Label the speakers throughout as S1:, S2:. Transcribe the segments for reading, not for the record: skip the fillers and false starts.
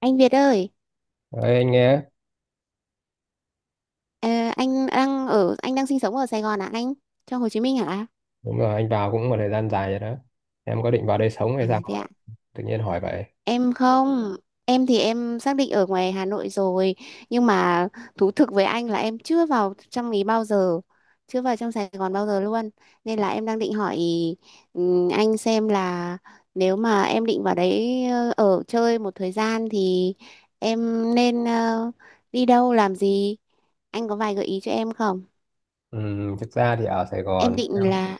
S1: Anh Việt ơi,
S2: Đấy, anh nghe.
S1: ờ, anh đang sinh sống ở Sài Gòn à anh? Trong Hồ Chí Minh hả?
S2: Đúng rồi, anh vào cũng một thời gian dài rồi đó. Em có định vào đây sống
S1: À
S2: hay sao mà
S1: thế ạ.
S2: tự nhiên hỏi vậy?
S1: Em không, em thì em xác định ở ngoài Hà Nội rồi, nhưng mà thú thực với anh là em chưa vào trong ý bao giờ, chưa vào trong Sài Gòn bao giờ luôn. Nên là em đang định hỏi anh xem là nếu mà em định vào đấy ở chơi một thời gian thì em nên đi đâu làm gì? Anh có vài gợi ý cho em không?
S2: Ừ, thực ra thì ở Sài
S1: Em
S2: Gòn,
S1: định
S2: em
S1: là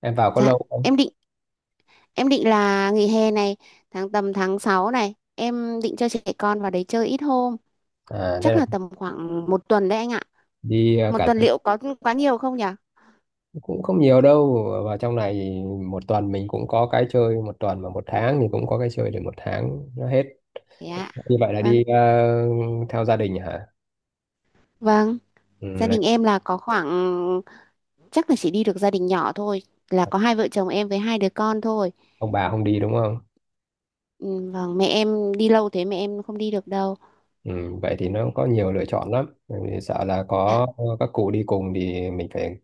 S2: em vào có
S1: dạ
S2: lâu không?
S1: em định Em định là nghỉ hè này, tầm tháng 6 này, em định cho trẻ con vào đấy chơi ít hôm,
S2: À đây
S1: chắc
S2: là
S1: là tầm khoảng 1 tuần đấy anh ạ.
S2: đi
S1: Một
S2: cả
S1: tuần
S2: tuần.
S1: liệu có quá nhiều không nhỉ?
S2: Cũng không nhiều đâu, vào trong này thì một tuần mình cũng có cái chơi một tuần, mà một tháng thì cũng có cái chơi để một tháng nó hết.
S1: Thế ạ.
S2: Như vậy là
S1: Vâng,
S2: đi theo gia đình hả?
S1: vâng,
S2: Ừ,
S1: gia
S2: là
S1: đình em là có khoảng chắc là chỉ đi được gia đình nhỏ thôi, là có hai vợ chồng em với hai đứa con thôi.
S2: ông bà không đi đúng không?
S1: Ừ, vâng, mẹ em đi lâu thế mẹ em không đi được đâu.
S2: Ừ, vậy thì nó có nhiều lựa chọn lắm. Bởi vì sợ là
S1: Dạ,
S2: có các cụ đi cùng thì mình phải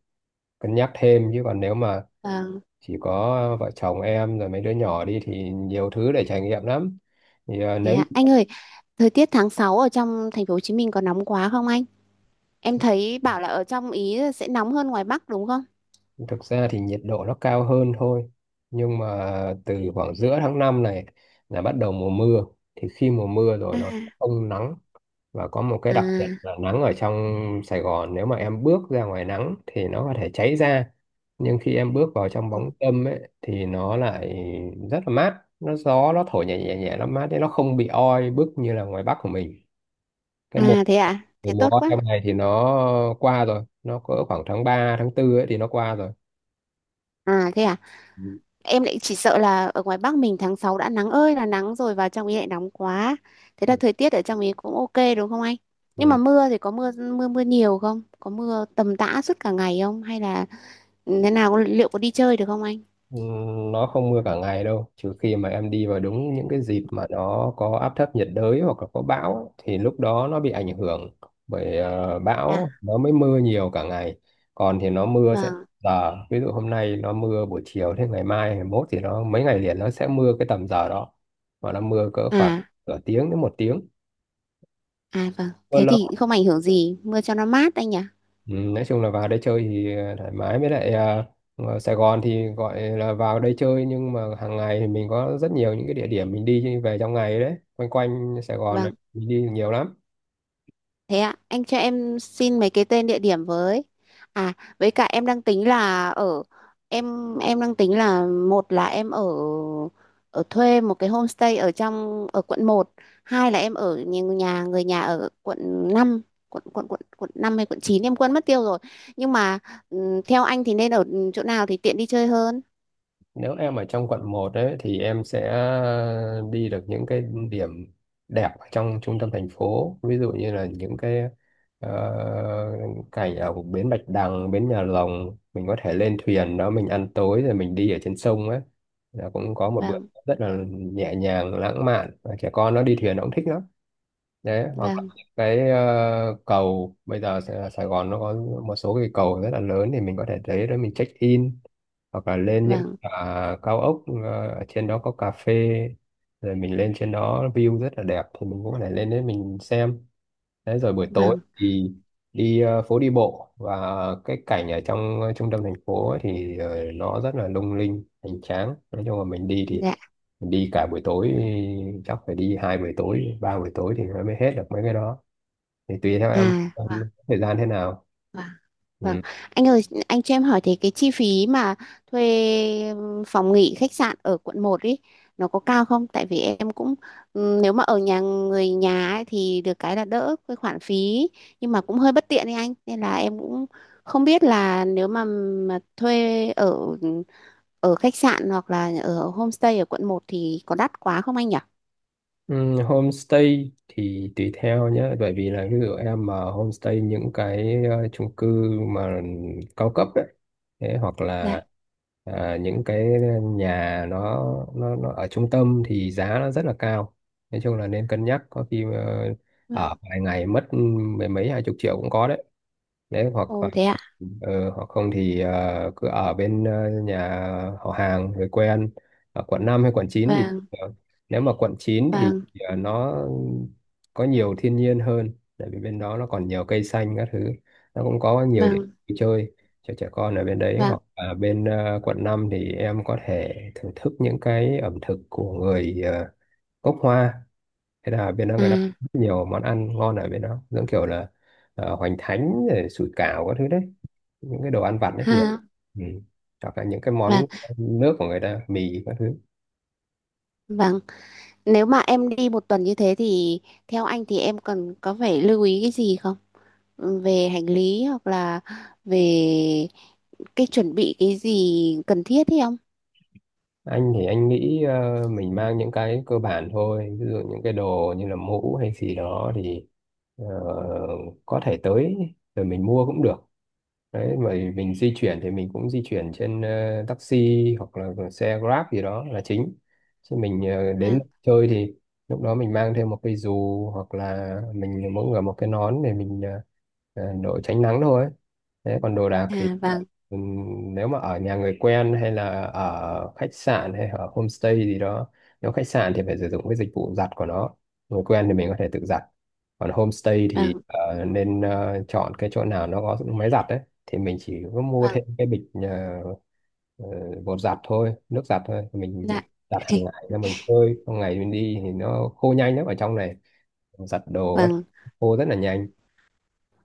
S2: cân nhắc thêm, chứ còn nếu mà
S1: vâng,
S2: chỉ có vợ chồng em rồi mấy đứa nhỏ đi thì nhiều thứ để trải nghiệm lắm. Thì à,
S1: thế
S2: nếu
S1: ạ. Anh ơi, thời tiết tháng 6 ở trong thành phố Hồ Chí Minh có nóng quá không anh? Em thấy bảo là ở trong ý sẽ nóng hơn ngoài Bắc đúng không?
S2: Thực ra thì nhiệt độ nó cao hơn thôi, nhưng mà từ khoảng giữa tháng 5 này là bắt đầu mùa mưa. Thì khi mùa mưa
S1: À.
S2: rồi nó không nắng. Và có một cái
S1: À.
S2: đặc biệt là nắng ở trong Sài Gòn, nếu mà em bước ra ngoài nắng thì nó có thể cháy da, nhưng khi em bước vào trong
S1: Ờ.
S2: bóng râm ấy thì nó lại rất là mát. Nó gió, nó thổi nhẹ nhẹ nhẹ, nó mát đấy, nó không bị oi bức như là ngoài Bắc của mình. Cái mùa
S1: À thế à?
S2: Thì
S1: Thế
S2: mùa
S1: tốt quá.
S2: autumn này thì nó qua rồi, nó có khoảng tháng 3 tháng 4 ấy thì nó qua rồi.
S1: À thế à?
S2: Ừ.
S1: Em lại chỉ sợ là ở ngoài Bắc mình tháng 6 đã nắng ơi là nắng rồi vào trong ý lại nóng quá. Thế là thời tiết ở trong ý cũng ok đúng không anh? Nhưng mà
S2: Ừ.
S1: mưa thì có mưa mưa mưa nhiều không? Có mưa tầm tã suốt cả ngày không? Hay là thế nào liệu có đi chơi được không anh?
S2: Ừ, nó không mưa cả ngày đâu, trừ khi mà em đi vào đúng những cái dịp mà nó có áp thấp nhiệt đới hoặc là có bão ấy, thì lúc đó nó bị ảnh hưởng bởi
S1: À
S2: bão nó mới mưa nhiều cả ngày. Còn thì nó mưa sẽ
S1: vâng.
S2: giờ, ví dụ hôm nay nó mưa buổi chiều, thế ngày mai, ngày mốt thì nó mấy ngày liền nó sẽ mưa cái tầm giờ đó. Và nó mưa cỡ khoảng
S1: À
S2: nửa tiếng đến một tiếng.
S1: à vâng. Thế thì không ảnh hưởng gì, mưa cho nó mát anh nhỉ?
S2: Ừ, nói chung là vào đây chơi thì thoải mái. Với lại ở Sài Gòn thì gọi là vào đây chơi nhưng mà hàng ngày thì mình có rất nhiều những cái địa điểm mình đi về trong ngày đấy, quanh quanh Sài Gòn này
S1: Vâng.
S2: mình đi nhiều lắm.
S1: Thế ạ, anh cho em xin mấy cái tên địa điểm với. À, với cả em đang tính là ở em đang tính là một là em ở ở thuê một cái homestay ở quận 1, hai là em ở nhà nhà- người nhà ở quận 5, quận quận quận quận 5 hay quận 9 em quên mất tiêu rồi. Nhưng mà theo anh thì nên ở chỗ nào thì tiện đi chơi hơn?
S2: Nếu em ở trong quận 1 đấy thì em sẽ đi được những cái điểm đẹp ở trong trung tâm thành phố, ví dụ như là những cái ờ, cảnh ở bến Bạch Đằng, bến Nhà Rồng, mình có thể lên thuyền đó mình ăn tối rồi mình đi ở trên sông ấy, là cũng có một bữa
S1: Vâng,
S2: rất là nhẹ nhàng lãng mạn, và trẻ con nó đi thuyền nó cũng thích lắm. Đấy, hoặc là
S1: vâng,
S2: những cái cầu, bây giờ Sài Sài Gòn nó có một số cái cầu rất là lớn thì mình có thể tới đó mình check in. Hoặc là lên những
S1: vâng,
S2: cao ốc, ở trên đó có cà phê, rồi mình lên trên đó view rất là đẹp thì mình cũng có thể lên đấy mình xem. Đấy rồi buổi tối
S1: vâng.
S2: thì đi phố đi bộ, và cái cảnh ở trong trung tâm thành phố ấy thì nó rất là lung linh hoành tráng. Nói chung là mình đi thì
S1: Dạ.
S2: đi cả buổi tối, chắc phải đi hai buổi tối, ba buổi tối thì nó mới hết được mấy cái đó. Thì tùy theo
S1: À,
S2: em
S1: vâng,
S2: có thời gian thế nào.
S1: vâng. Vâng,
S2: Ừ.
S1: anh ơi, anh cho em hỏi thì cái chi phí mà thuê phòng nghỉ khách sạn ở quận 1 ý, nó có cao không? Tại vì em cũng nếu mà ở nhà người nhà ấy, thì được cái là đỡ cái khoản phí, nhưng mà cũng hơi bất tiện đi anh, nên là em cũng không biết là nếu mà thuê ở ở khách sạn hoặc là ở homestay ở quận 1 thì có đắt quá không anh nhỉ?
S2: Ừ, homestay thì tùy theo nhé. Bởi vì là ví dụ em mà homestay những cái chung cư mà cao cấp đấy, thế hoặc
S1: Dạ.
S2: là những cái nhà nó ở trung tâm thì giá nó rất là cao. Nói chung là nên cân nhắc, có khi ở
S1: Vâng.
S2: vài ngày mất mười mấy hai chục triệu cũng có đấy. Đấy hoặc
S1: Ồ thế ạ.
S2: hoặc không thì cứ ở bên nhà họ hàng người quen ở quận 5 hay quận 9 thì
S1: Vâng,
S2: nếu mà quận 9 thì
S1: vâng,
S2: nó có nhiều thiên nhiên hơn, tại vì bên đó nó còn nhiều cây xanh các thứ, nó cũng có nhiều điểm
S1: vâng,
S2: vui chơi cho trẻ con ở bên đấy.
S1: vâng.
S2: Hoặc ở bên quận 5 thì em có thể thưởng thức những cái ẩm thực của người gốc Hoa. Thế là bên đó
S1: À
S2: người ta có rất nhiều món ăn ngon, ở bên đó giống kiểu là hoành thánh rồi sủi cảo các thứ đấy, những cái đồ ăn vặt đấy nhiều.
S1: ha.
S2: Ừ. Hoặc là những cái
S1: Vâng.
S2: món nước của người ta, mì các thứ.
S1: Vâng. Nếu mà em đi 1 tuần như thế thì theo anh thì em cần phải lưu ý cái gì không? Ừ, về hành lý hoặc là về cái chuẩn bị cái gì cần thiết hay không?
S2: Anh thì anh nghĩ mình mang những cái cơ bản thôi, ví dụ những cái đồ như là mũ hay gì đó thì ờ, có thể tới rồi mình mua cũng được. Đấy, mà mình di chuyển thì mình cũng di chuyển trên taxi hoặc là xe Grab gì đó là chính, chứ mình đến
S1: Vâng,
S2: chơi thì lúc đó mình mang thêm một cái dù hoặc là mình mỗi người một cái nón để mình đội tránh nắng thôi. Thế còn đồ đạc thì
S1: à vâng,
S2: ừm, nếu mà ở nhà người quen hay là ở khách sạn hay ở homestay gì đó, nếu khách sạn thì phải sử dụng cái dịch vụ giặt của nó, người quen thì mình có thể tự giặt, còn homestay thì
S1: vâng,
S2: nên chọn cái chỗ nào nó có máy giặt đấy, thì mình chỉ có mua
S1: vâng,
S2: thêm cái bịch ờ, bột giặt thôi, nước giặt thôi. Mình
S1: dạ,
S2: giặt hàng ngày là mình phơi trong ngày, mình đi thì nó khô nhanh lắm ở trong này, giặt đồ các
S1: vâng,
S2: khô rất là nhanh.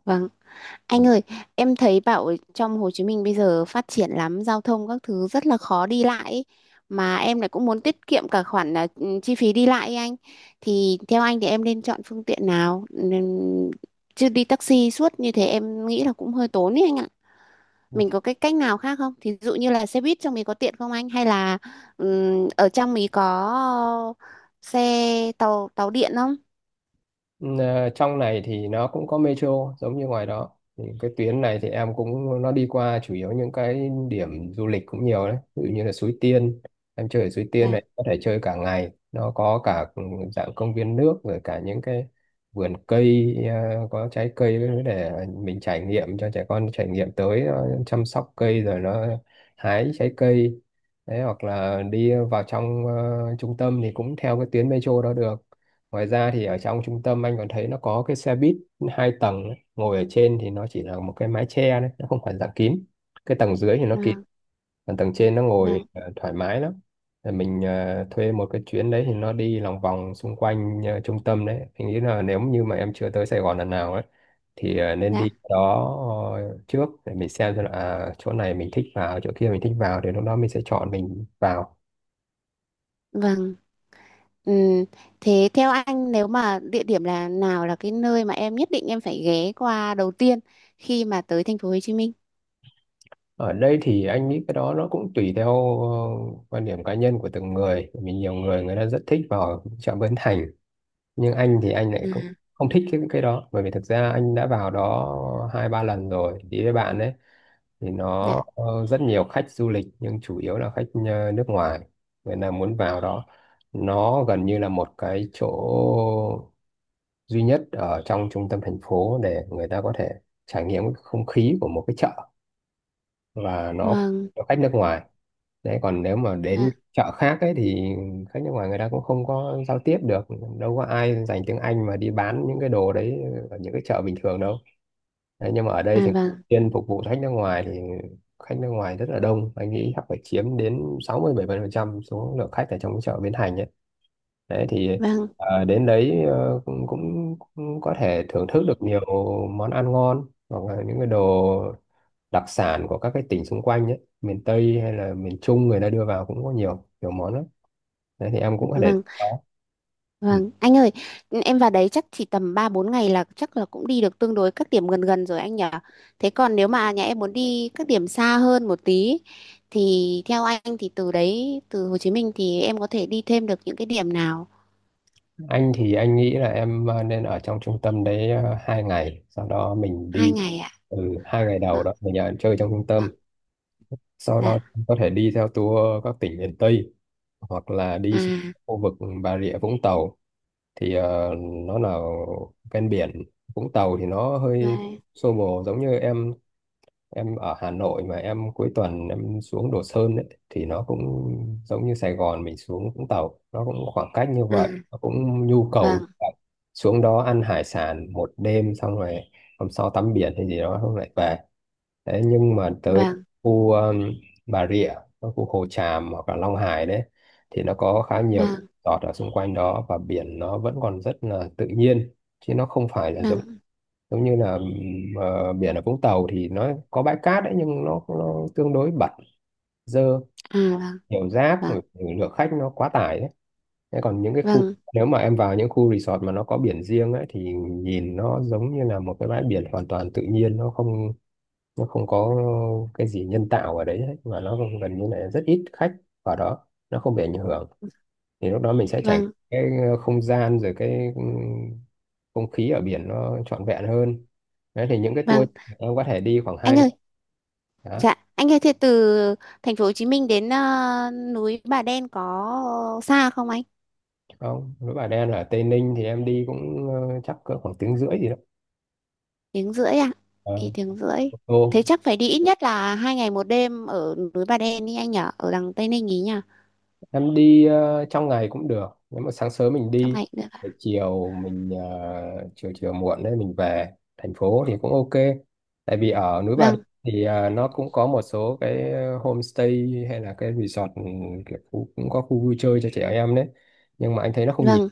S1: vâng. Anh ơi, em thấy bảo trong Hồ Chí Minh bây giờ phát triển lắm, giao thông các thứ rất là khó đi lại ý. Mà em lại cũng muốn tiết kiệm cả khoản là chi phí đi lại ý anh. Thì theo anh thì em nên chọn phương tiện nào? Chứ đi taxi suốt như thế em nghĩ là cũng hơi tốn ý anh ạ. Mình có cái cách nào khác không? Thí dụ như là xe buýt trong mình có tiện không anh? Hay là ở trong mình có tàu tàu điện không?
S2: Trong này thì nó cũng có metro giống như ngoài đó, thì cái tuyến này thì em cũng nó đi qua chủ yếu những cái điểm du lịch cũng nhiều đấy, ví dụ như là Suối Tiên. Em chơi ở Suối Tiên
S1: Dạ,
S2: này có thể chơi cả ngày, nó có cả dạng công viên nước rồi cả những cái vườn cây có trái cây để mình trải nghiệm, cho trẻ con trải nghiệm tới nó chăm sóc cây rồi nó hái trái cây. Đấy hoặc là đi vào trong trung tâm thì cũng theo cái tuyến metro đó được. Ngoài ra thì ở trong trung tâm anh còn thấy nó có cái xe buýt hai tầng ấy. Ngồi ở trên thì nó chỉ là một cái mái che đấy, nó không phải dạng kín. Cái tầng dưới thì nó kín,
S1: vâng,
S2: còn tầng trên nó ngồi
S1: vâng,
S2: thoải mái lắm. Rồi mình thuê một cái chuyến đấy thì nó đi lòng vòng xung quanh trung tâm đấy. Anh nghĩ là nếu như mà em chưa tới Sài Gòn lần nào ấy thì nên
S1: dạ,
S2: đi đó trước, để mình xem là chỗ này mình thích vào, chỗ kia mình thích vào thì lúc đó mình sẽ chọn mình vào.
S1: vâng. Ừ. Thế theo anh nếu mà địa điểm là nào là cái nơi mà em nhất định em phải ghé qua đầu tiên khi mà tới thành phố Hồ Chí Minh?
S2: Ở đây thì anh nghĩ cái đó nó cũng tùy theo quan điểm cá nhân của từng người. Bởi vì nhiều người người ta rất thích vào chợ Bến Thành, nhưng anh thì anh lại
S1: Ừ.
S2: cũng không thích cái đó, bởi vì thực ra anh đã vào đó hai ba lần rồi đi với bạn ấy, thì nó
S1: Dạ.
S2: rất nhiều khách du lịch, nhưng chủ yếu là khách nước ngoài. Người ta muốn vào đó, nó gần như là một cái chỗ duy nhất ở trong trung tâm thành phố để người ta có thể trải nghiệm cái không khí của một cái chợ, và nó phục
S1: Vâng.
S2: vụ cho khách nước ngoài. Đấy còn nếu mà đến
S1: Dạ.
S2: chợ khác ấy thì khách nước ngoài người ta cũng không có giao tiếp được, đâu có ai dành tiếng Anh mà đi bán những cái đồ đấy ở những cái chợ bình thường đâu. Đấy, nhưng mà ở đây
S1: À
S2: thì
S1: vâng.
S2: chuyên phục vụ khách nước ngoài thì khách nước ngoài rất là đông, anh nghĩ chắc phải chiếm đến 60-70% số lượng khách ở trong cái chợ Bến Thành ấy. Đấy thì
S1: Vâng.
S2: đến đấy cũng, cũng cũng có thể thưởng thức được nhiều món ăn ngon, hoặc là những cái đồ đặc sản của các cái tỉnh xung quanh ấy, miền Tây hay là miền Trung người ta đưa vào cũng có nhiều nhiều món lắm. Đấy thì em cũng có thể
S1: Vâng.
S2: đó. Ừ,
S1: Vâng. Anh ơi, em vào đấy chắc chỉ tầm 3-4 ngày là chắc là cũng đi được tương đối các điểm gần gần rồi anh nhỉ? Thế còn nếu mà nhà em muốn đi các điểm xa hơn một tí thì theo anh thì từ Hồ Chí Minh thì em có thể đi thêm được những cái điểm nào?
S2: anh thì anh nghĩ là em nên ở trong trung tâm đấy hai ngày, sau đó mình
S1: Hai
S2: đi.
S1: ngày ạ.
S2: Ừ, hai ngày đầu
S1: Vâng.
S2: đó mình ở chơi trong trung tâm,
S1: Vâng.
S2: sau đó
S1: Dạ.
S2: có thể đi theo tour các tỉnh miền Tây hoặc là đi xuống
S1: À
S2: khu vực Bà Rịa Vũng Tàu. Thì nó là ven biển. Vũng Tàu thì nó hơi
S1: vâng,
S2: xô bồ, giống như em ở Hà Nội mà em cuối tuần em xuống Đồ Sơn ấy, thì nó cũng giống như Sài Gòn mình xuống Vũng Tàu, nó cũng khoảng cách như
S1: à,
S2: vậy, nó cũng nhu cầu như
S1: vâng,
S2: vậy. Xuống đó ăn hải sản một đêm xong rồi hôm sau tắm biển hay gì đó xong lại về. Đấy, nhưng mà tới
S1: vâng,
S2: khu Bà Rịa, các khu Hồ Tràm hoặc là Long Hải đấy, thì nó có khá nhiều cái
S1: vâng,
S2: resort ở xung quanh đó, và biển nó vẫn còn rất là tự nhiên, chứ nó không phải là giống
S1: vâng,
S2: giống như là biển ở Vũng Tàu thì nó có bãi cát đấy nhưng nó tương đối bẩn, dơ,
S1: à, vâng,
S2: nhiều rác
S1: vâng,
S2: rồi, lượng khách nó quá tải đấy. Thế còn những cái khu,
S1: vâng,
S2: nếu mà em vào những khu resort mà nó có biển riêng ấy thì nhìn nó giống như là một cái bãi biển hoàn toàn tự nhiên, nó không có cái gì nhân tạo ở đấy hết, và nó gần như là rất ít khách vào đó, nó không bị ảnh hưởng, thì lúc đó mình sẽ trải nghiệm
S1: vâng,
S2: cái không gian rồi cái không khí ở biển nó trọn vẹn hơn. Đấy thì những cái
S1: vâng.
S2: tour em có thể đi khoảng hai
S1: Anh
S2: ngày.
S1: ơi,
S2: Đó.
S1: dạ, anh ơi, thế từ thành phố Hồ Chí Minh đến núi Bà Đen có xa không anh?
S2: Không, núi Bà Đen ở Tây Ninh thì em đi cũng chắc cỡ khoảng tiếng rưỡi gì đó.
S1: Tiếng rưỡi à?
S2: Ờ,
S1: Thì tiếng rưỡi.
S2: ô tô.
S1: Thế chắc phải đi ít nhất là 2 ngày 1 đêm ở núi Bà Đen đi anh nhở, ở đằng Tây Ninh ý nhở,
S2: Em đi trong ngày cũng được, nếu mà sáng sớm mình
S1: trong
S2: đi
S1: ngày cũng được
S2: rồi
S1: ạ.
S2: chiều mình chiều chiều muộn đấy mình về thành phố thì cũng ok. Tại vì ở núi Bà Đen
S1: Vâng,
S2: thì nó cũng có một số cái homestay hay là cái resort, ừ, kiểu khu, cũng có khu vui chơi cho trẻ em đấy, nhưng mà anh thấy nó không nhiều,
S1: vâng,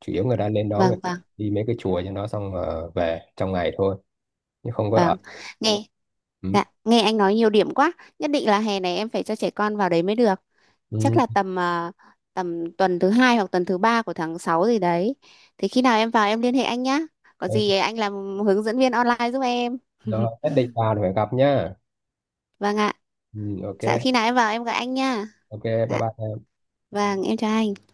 S2: chủ yếu người ta lên đó, người
S1: vâng, vâng,
S2: đi mấy cái chùa cho nó xong về trong ngày thôi chứ không có ở.
S1: vâng. Nghe,
S2: Ừ.
S1: dạ, nghe anh nói nhiều điểm quá. Nhất định là hè này em phải cho trẻ con vào đấy mới được. Chắc là
S2: Ừ.
S1: tầm tuần thứ hai hoặc tuần thứ ba của tháng 6 gì đấy, thì khi nào em vào em liên hệ anh nhá, có
S2: Ừ,
S1: gì anh làm hướng dẫn viên online giúp em.
S2: rồi, nhất định vào thì phải gặp nhá.
S1: Vâng ạ.
S2: Ừ, ok.
S1: Dạ, khi nào em vào em gọi anh nha.
S2: Ok. Bye
S1: Dạ
S2: bye.
S1: vâng, em chào anh.